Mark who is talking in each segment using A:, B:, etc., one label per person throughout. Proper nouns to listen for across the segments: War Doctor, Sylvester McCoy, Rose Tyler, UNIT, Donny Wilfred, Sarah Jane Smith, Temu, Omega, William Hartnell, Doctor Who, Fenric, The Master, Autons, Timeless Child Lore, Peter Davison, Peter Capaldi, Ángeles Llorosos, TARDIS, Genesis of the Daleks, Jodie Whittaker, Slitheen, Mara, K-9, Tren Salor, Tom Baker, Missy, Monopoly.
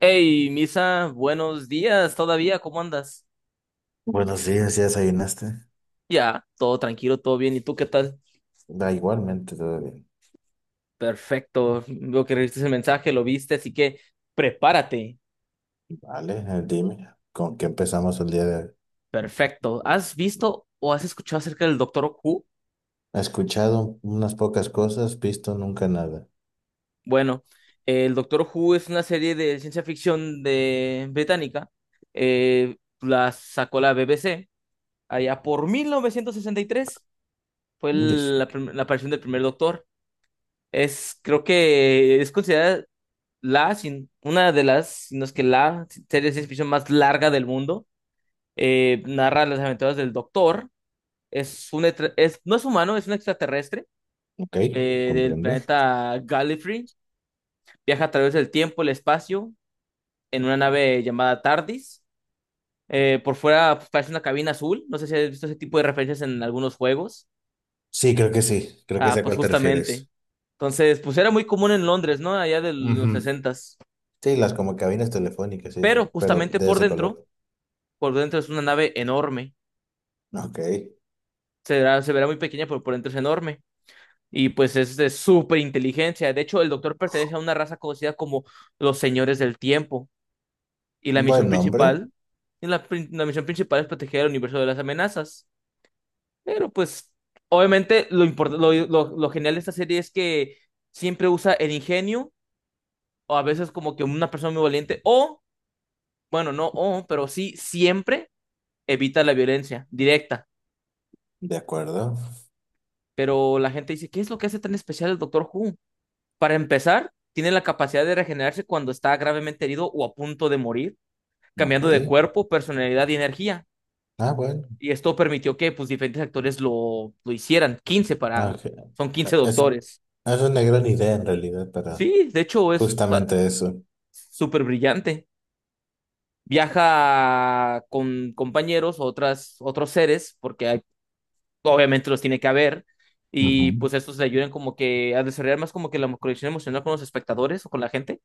A: Hey, Misa, buenos días todavía, ¿cómo andas?
B: Buenos días, ¿ya desayunaste?
A: Ya, todo tranquilo, todo bien, ¿y tú qué tal?
B: Da igualmente, todo bien.
A: Perfecto, veo que recibiste el mensaje, lo viste, así que prepárate.
B: Vale, Dime, ¿con qué empezamos el día de hoy?
A: Perfecto. ¿Has visto o has escuchado acerca del Doctor Who?
B: He escuchado unas pocas cosas, visto nunca nada.
A: Bueno, el Doctor Who es una serie de ciencia ficción de británica. La sacó la BBC allá por 1963. Fue
B: Yes.
A: la aparición del primer Doctor. Es, creo que es considerada la, sin- una de las, si no es que la serie de ciencia ficción más larga del mundo. Narra las aventuras del Doctor. Es un, etra- es, no es humano, es un extraterrestre
B: Ok,
A: del
B: comprendo.
A: planeta Gallifrey. Viaja a través del tiempo, el espacio, en una nave llamada TARDIS. Por fuera, pues, parece una cabina azul. No sé si has visto ese tipo de referencias en algunos juegos.
B: Sí, creo que
A: Ah,
B: sé a
A: pues
B: cuál te
A: justamente.
B: refieres.
A: Entonces, pues era muy común en Londres, ¿no? Allá de los
B: Ujú.
A: sesentas.
B: Sí, las como cabinas telefónicas y eso,
A: Pero
B: pero
A: justamente
B: de ese color.
A: por dentro es una nave enorme.
B: Ok,
A: Se verá muy pequeña, pero por dentro es enorme. Y pues es de súper inteligencia. De hecho, el doctor pertenece a una raza conocida como los señores del tiempo. Y la misión
B: buen nombre,
A: principal, la misión principal es proteger el universo de las amenazas. Pero pues, obviamente, lo, import- lo genial de esta serie es que siempre usa el ingenio, o a veces como que una persona muy valiente, o, bueno, no, o, pero sí, siempre evita la violencia directa.
B: de acuerdo.
A: Pero la gente dice, ¿qué es lo que hace tan especial el Doctor Who? Para empezar, tiene la capacidad de regenerarse cuando está gravemente herido o a punto de morir,
B: Ok,
A: cambiando de cuerpo, personalidad y energía.
B: ah, bueno.
A: Y esto permitió que pues, diferentes actores lo hicieran. 15
B: Ah,
A: para.
B: ok.
A: Son 15
B: Es,
A: doctores.
B: es una gran idea en realidad para
A: Sí, de hecho es o sea,
B: justamente eso.
A: súper brillante. Viaja con compañeros, otros seres, obviamente los tiene que haber.
B: Ujú.
A: Y pues estos le ayudan como que a desarrollar más como que la conexión emocional con los espectadores o con la gente.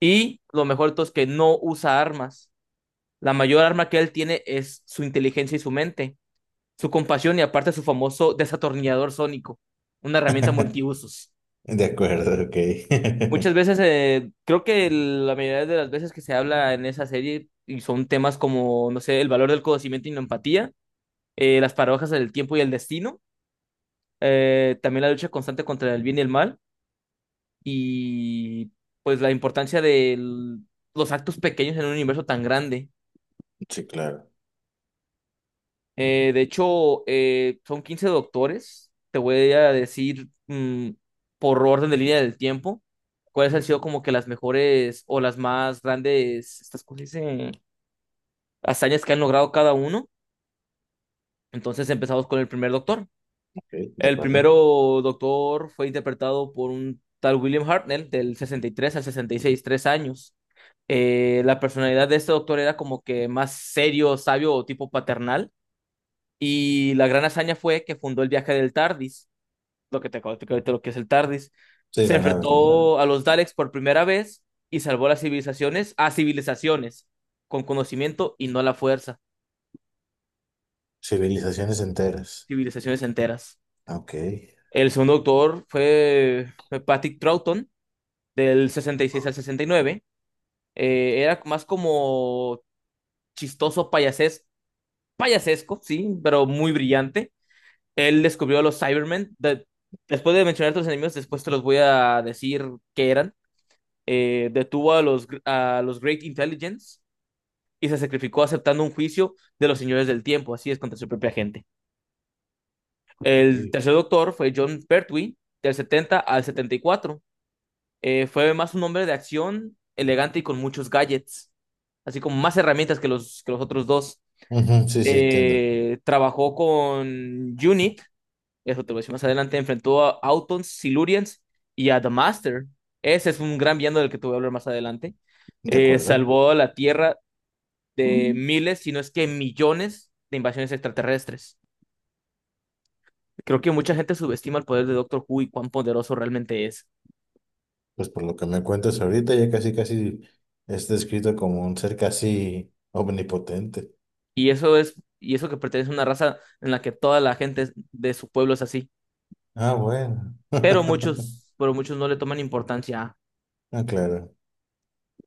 A: Y lo mejor de todo es que no usa armas. La mayor arma que él tiene es su inteligencia y su mente, su compasión y aparte su famoso desatornillador sónico, una herramienta multiusos.
B: De acuerdo, ok.
A: Muchas veces, creo que la mayoría de las veces que se habla en esa serie y son temas como, no sé, el valor del conocimiento y la empatía, las paradojas del tiempo y el destino, también la lucha constante contra el bien y el mal y pues la importancia de los actos pequeños en un universo tan grande.
B: Sí, claro.
A: De hecho, son 15 doctores. Te voy a decir por orden de línea del tiempo cuáles han sido como que las mejores o las más grandes, estas cosas, dicen, hazañas que han logrado cada uno. Entonces empezamos con el primer doctor.
B: Ok, de
A: El
B: acuerdo.
A: primero doctor fue interpretado por un tal William Hartnell del 63 al 66, 3 años. La personalidad de este doctor era como que más serio, sabio o tipo paternal. Y la gran hazaña fue que fundó el viaje del TARDIS, lo que te acabo de explicar ahorita, lo que es el TARDIS.
B: Sí,
A: Se
B: la nave, la nave.
A: enfrentó a los Daleks por primera vez y salvó a las civilizaciones, a civilizaciones, con conocimiento y no a la fuerza,
B: Civilizaciones enteras.
A: civilizaciones enteras.
B: Ah, ok,
A: El segundo doctor fue Patrick Troughton, del 66 al 69. Era más como chistoso payasesco, sí, pero muy brillante. Él descubrió a los Cybermen. Después de mencionar a los enemigos, después te los voy a decir qué eran. Detuvo a los Great Intelligence y se sacrificó aceptando un juicio de los señores del tiempo, así es, contra su propia gente. El
B: ok,
A: tercer doctor fue John Pertwee, del 70 al 74. Fue más un hombre de acción, elegante y con muchos gadgets, así como más herramientas que los otros dos.
B: ujú, sí, sí, entiendo.
A: Trabajó con UNIT, eso te lo voy a decir más adelante. Enfrentó a Autons, Silurians y a The Master. Ese es un gran villano del que te voy a hablar más adelante.
B: De acuerdo.
A: Salvó a la Tierra de miles, si no es que millones de invasiones extraterrestres. Creo que mucha gente subestima el poder de Doctor Who y cuán poderoso realmente es.
B: Pues por lo que me cuentas ahorita, ya casi, casi es descrito como un ser casi omnipotente.
A: Y eso que pertenece a una raza en la que toda la gente de su pueblo es así.
B: Ah, bueno.
A: Pero muchos, pero muchos no le toman importancia.
B: Ah, claro.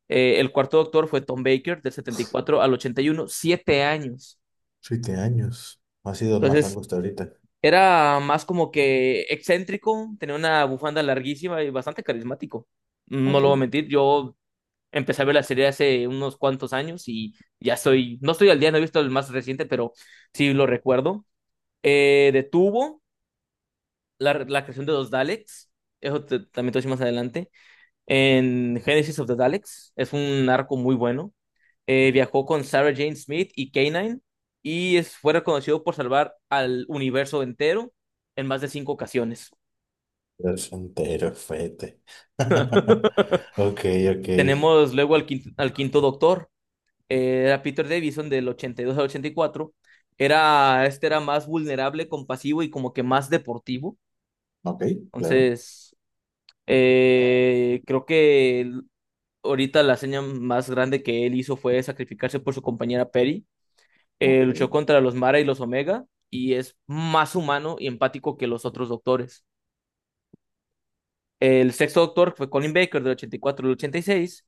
A: El cuarto doctor fue Tom Baker, del 74 al 81, 7 años.
B: Siete años. Ha sido el más
A: Entonces,
B: largo hasta ahorita.
A: era más como que excéntrico, tenía una bufanda larguísima y bastante carismático. No lo voy a
B: Ok.
A: mentir, yo empecé a ver la serie hace unos cuantos años y ya estoy, no estoy al día, no he visto el más reciente, pero sí lo recuerdo. Detuvo la creación de los Daleks, también te voy a decir más adelante, en Genesis of the Daleks. Es un arco muy bueno. Viajó con Sarah Jane Smith y K-9 y fue reconocido por salvar al universo entero en más de cinco ocasiones.
B: Es entero, fete. Ok, ok.
A: Tenemos luego al quinto Doctor. Era Peter Davison del 82 al 84. Este era más vulnerable, compasivo y como que más deportivo.
B: Ok, claro.
A: Entonces, creo que ahorita la seña más grande que él hizo fue sacrificarse por su compañera Perry.
B: Ok,
A: Luchó contra los Mara y los Omega y es más humano y empático que los otros doctores. El sexto doctor fue Colin Baker del 84 al 86.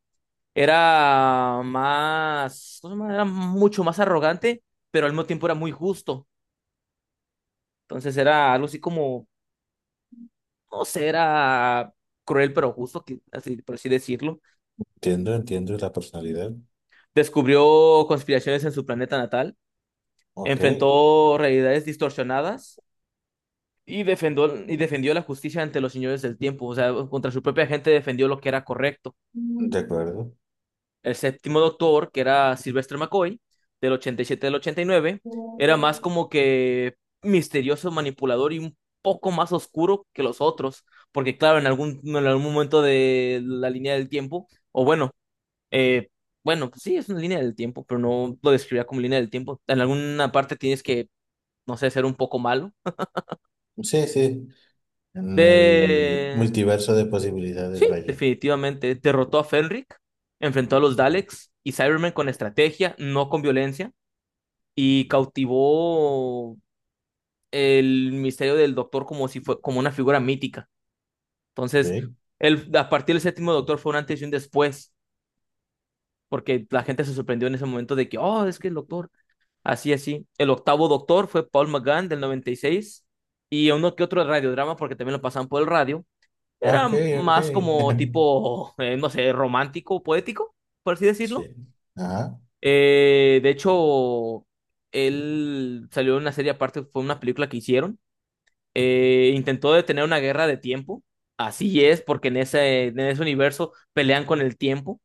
A: Era más, ¿cómo se llama? Era mucho más arrogante, pero al mismo tiempo era muy justo. Entonces era algo así como, no sé, era cruel pero justo, así, por así decirlo.
B: entiendo, entiendo la personalidad.
A: Descubrió conspiraciones en su planeta natal.
B: Ok,
A: Enfrentó realidades distorsionadas. Y defendió la justicia ante los señores del tiempo, o sea, contra su propia gente defendió lo que era correcto.
B: de acuerdo.
A: El séptimo doctor, que era Sylvester McCoy, del 87 al 89, era más como que misterioso, manipulador y un poco más oscuro que los otros, porque claro, en algún momento de la línea del tiempo, o bueno, eh, bueno, pues sí, es una línea del tiempo, pero no lo describía como línea del tiempo. En alguna parte tienes que, no sé, ser un poco malo.
B: Sí, sí, en el
A: De
B: multiverso de posibilidades,
A: Sí,
B: vaya.
A: definitivamente. Derrotó a Fenric, enfrentó a los Daleks y Cybermen con estrategia, no con violencia, y cautivó el misterio del Doctor como si fue como una figura mítica. Entonces,
B: Sí.
A: a partir del séptimo Doctor fue un antes y un después, porque la gente se sorprendió en ese momento de que, oh, es que el Doctor, así, así. El octavo Doctor fue Paul McGann del 96 y uno que otro radiodrama, porque también lo pasaban por el radio.
B: Ah,
A: Era
B: ok, ok.
A: más como tipo, no sé, romántico, poético, por así
B: Sí.
A: decirlo.
B: Ajá.
A: De hecho, él salió en una serie aparte, fue una película que hicieron. Intentó detener una guerra de tiempo. Así es, porque en ese universo pelean con el tiempo.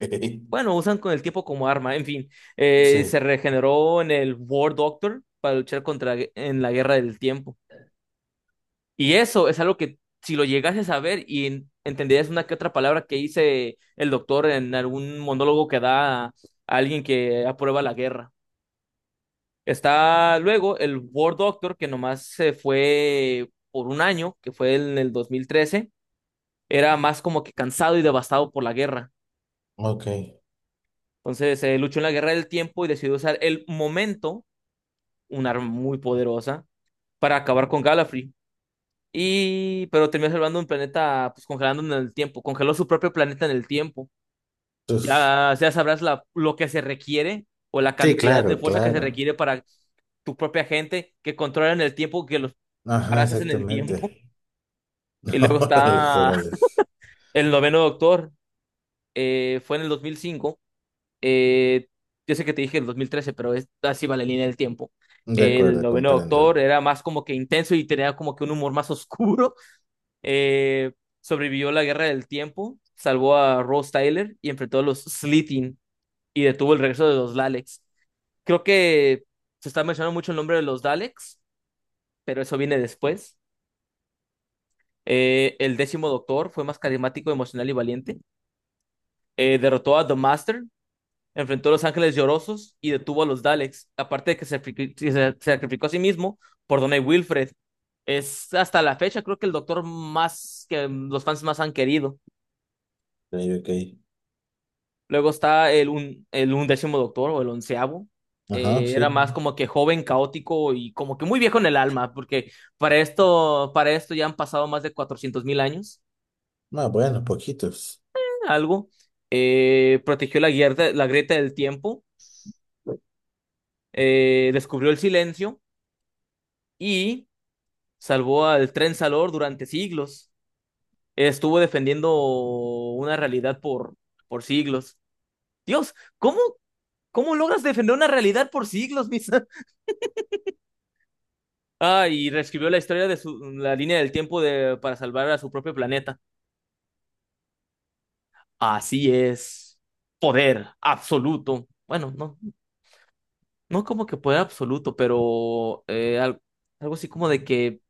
A: Bueno, usan con el tiempo como arma, en fin. Se
B: Sí,
A: regeneró en el War Doctor para luchar contra en la guerra del tiempo. Y eso es algo que si lo llegases a ver y entenderías una que otra palabra que dice el doctor en algún monólogo que da a alguien que aprueba la guerra. Está luego el War Doctor, que nomás se fue por un año, que fue en el 2013. Era más como que cansado y devastado por la guerra.
B: ok.
A: Entonces luchó en la guerra del tiempo y decidió usar el momento, un arma muy poderosa, para acabar con Gallifrey. Pero terminó salvando un planeta, pues congelando en el tiempo. Congeló su propio planeta en el tiempo.
B: Uf.
A: Ya sabrás lo que se requiere o la
B: Sí,
A: cantidad de
B: claro,
A: fuerza que se
B: claro.
A: requiere para tu propia gente que controlan el tiempo, que los
B: Ajá,
A: parases en el tiempo.
B: exactamente.
A: Y luego
B: Órales,
A: está
B: órales.
A: el noveno doctor. Fue en el 2005. eh, yo sé que te dije el 2013, pero así va la línea del tiempo.
B: De
A: El
B: acuerdo,
A: noveno doctor
B: comprendo.
A: era más como que intenso y tenía como que un humor más oscuro. Eh, Sobrevivió la guerra del tiempo, salvó a Rose Tyler y enfrentó a los Slitheen y detuvo el regreso de los Daleks. Creo que se está mencionando mucho el nombre de los Daleks, pero eso viene después. El décimo doctor fue más carismático, emocional y valiente. Derrotó a The Master, enfrentó a los Ángeles Llorosos y detuvo a los Daleks. Aparte de que se sacrificó a sí mismo por Donny Wilfred. Es hasta la fecha, creo que el doctor más que los fans más han querido.
B: Ok, ok.
A: Luego está el undécimo doctor o el onceavo.
B: Ajá,
A: Era
B: sí.
A: más como que joven, caótico y como que muy viejo en el alma, porque para esto ya han pasado más de 400.000 años,
B: Ah, bueno, poquitos.
A: algo. Protegió la grieta del tiempo, descubrió el silencio y salvó al Tren Salor durante siglos. Estuvo defendiendo una realidad por siglos. Dios, ¿cómo logras defender una realidad por siglos, mis? Ah, y reescribió la historia de su, la línea del tiempo de, para salvar a su propio planeta. Así es. Poder absoluto. Bueno, no, no como que poder absoluto, pero algo así como de que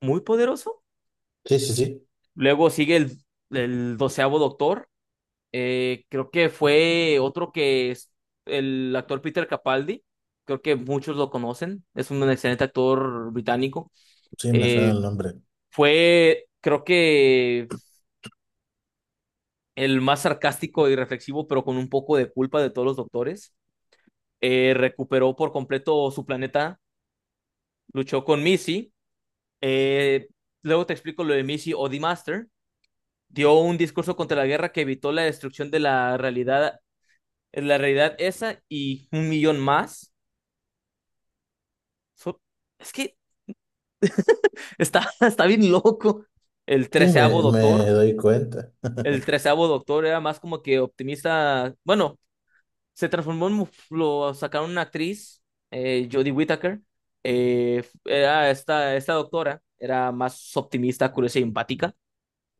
A: muy poderoso.
B: Sí, sí, sí.
A: Luego sigue el doceavo doctor. Creo que fue otro que es el actor Peter Capaldi. Creo que muchos lo conocen. Es un excelente actor británico.
B: Sí, me suena
A: Eh,
B: el nombre.
A: Creo que el más sarcástico y reflexivo, pero con un poco de culpa de todos los doctores. Recuperó por completo su planeta, luchó con Missy. Eh, Luego te explico lo de Missy o The Master. Dio un discurso contra la guerra que evitó la destrucción de la realidad esa y un millón más. So- es que está, está bien loco. El
B: Sí,
A: treceavo
B: me, me
A: doctor.
B: doy cuenta.
A: El treceavo doctor era más como que optimista. Bueno, se transformó en, lo sacaron una actriz, Jodie Whittaker. Esta doctora era más optimista, curiosa y empática.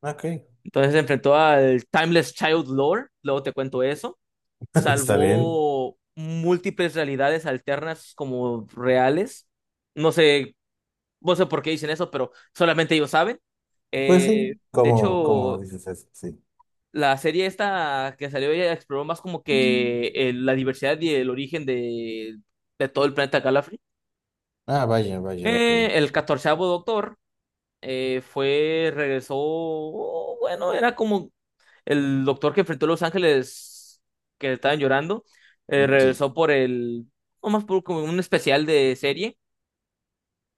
B: Ok,
A: Entonces se enfrentó al Timeless Child Lore, luego te cuento eso.
B: está bien.
A: Salvó múltiples realidades alternas como reales. No sé, no sé por qué dicen eso, pero solamente ellos saben.
B: Pues
A: Eh,
B: sí,
A: de
B: como
A: hecho,
B: dices eso, sí.
A: la serie esta que salió ella exploró más como
B: Mm.
A: que la diversidad y el origen de todo el planeta Gallifrey.
B: Ah, vaya, vaya, ok.
A: El catorceavo doctor regresó, oh, bueno, era como el doctor que enfrentó a los Ángeles que estaban llorando,
B: Mm, sí,
A: regresó nomás por como un especial de serie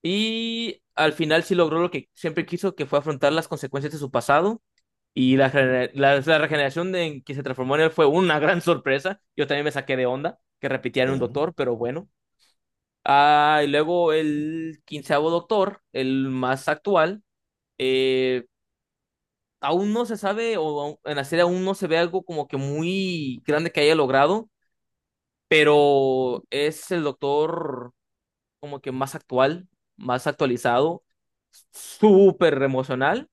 A: y al final sí logró lo que siempre quiso, que fue afrontar las consecuencias de su pasado. Y la regeneración de, en que se transformó en él fue una gran sorpresa. Yo también me saqué de onda que repitieran un
B: bueno,
A: doctor, pero bueno. Ah, y luego el quinceavo doctor, el más actual, eh, aún no se sabe, o en la serie aún no se ve algo como que muy grande que haya logrado, pero es el doctor como que más actual, más actualizado, súper emocional,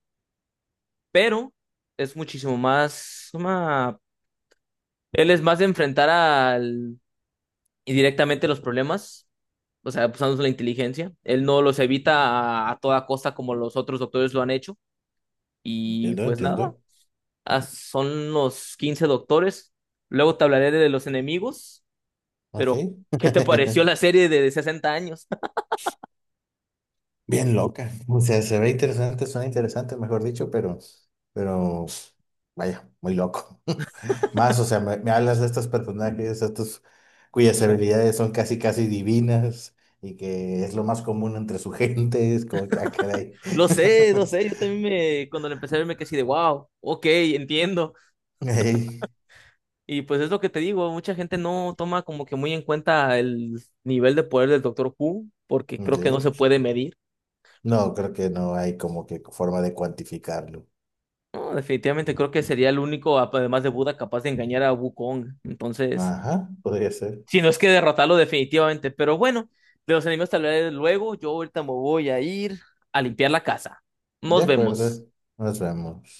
A: pero es muchísimo más... Él es más de enfrentar al... y directamente los problemas, o sea, pues, usando la inteligencia. Él no los evita a toda costa como los otros doctores lo han hecho. Y
B: entiendo,
A: pues nada,
B: entiendo.
A: ah, son los 15 doctores. Luego te hablaré de los enemigos,
B: Ok.
A: pero ¿qué te pareció la serie de 60 años?
B: Bien loca. O sea, se ve interesante, suena interesante, mejor dicho, pero, vaya, muy loco. Más, o sea, me hablas de estos personajes, estos cuyas habilidades son casi, casi divinas y que es lo más común entre su gente, es como que, ah, caray.
A: Lo sé, yo también me, cuando la empecé a ver me quedé así de, wow, ok, entiendo.
B: Ey,
A: Y pues es lo que te digo, mucha gente no toma como que muy en cuenta el nivel de poder del Doctor Who, porque creo que no se
B: ok.
A: puede medir.
B: No, creo que no hay como que forma de cuantificarlo.
A: No, definitivamente creo que sería el único, además de Buda, capaz de engañar a Wukong. Entonces,
B: Ajá, podría ser.
A: si no es que derrotarlo definitivamente, pero bueno, de los enemigos tal vez luego, yo ahorita me voy a ir a limpiar la casa.
B: De
A: Nos vemos.
B: acuerdo, nos vemos.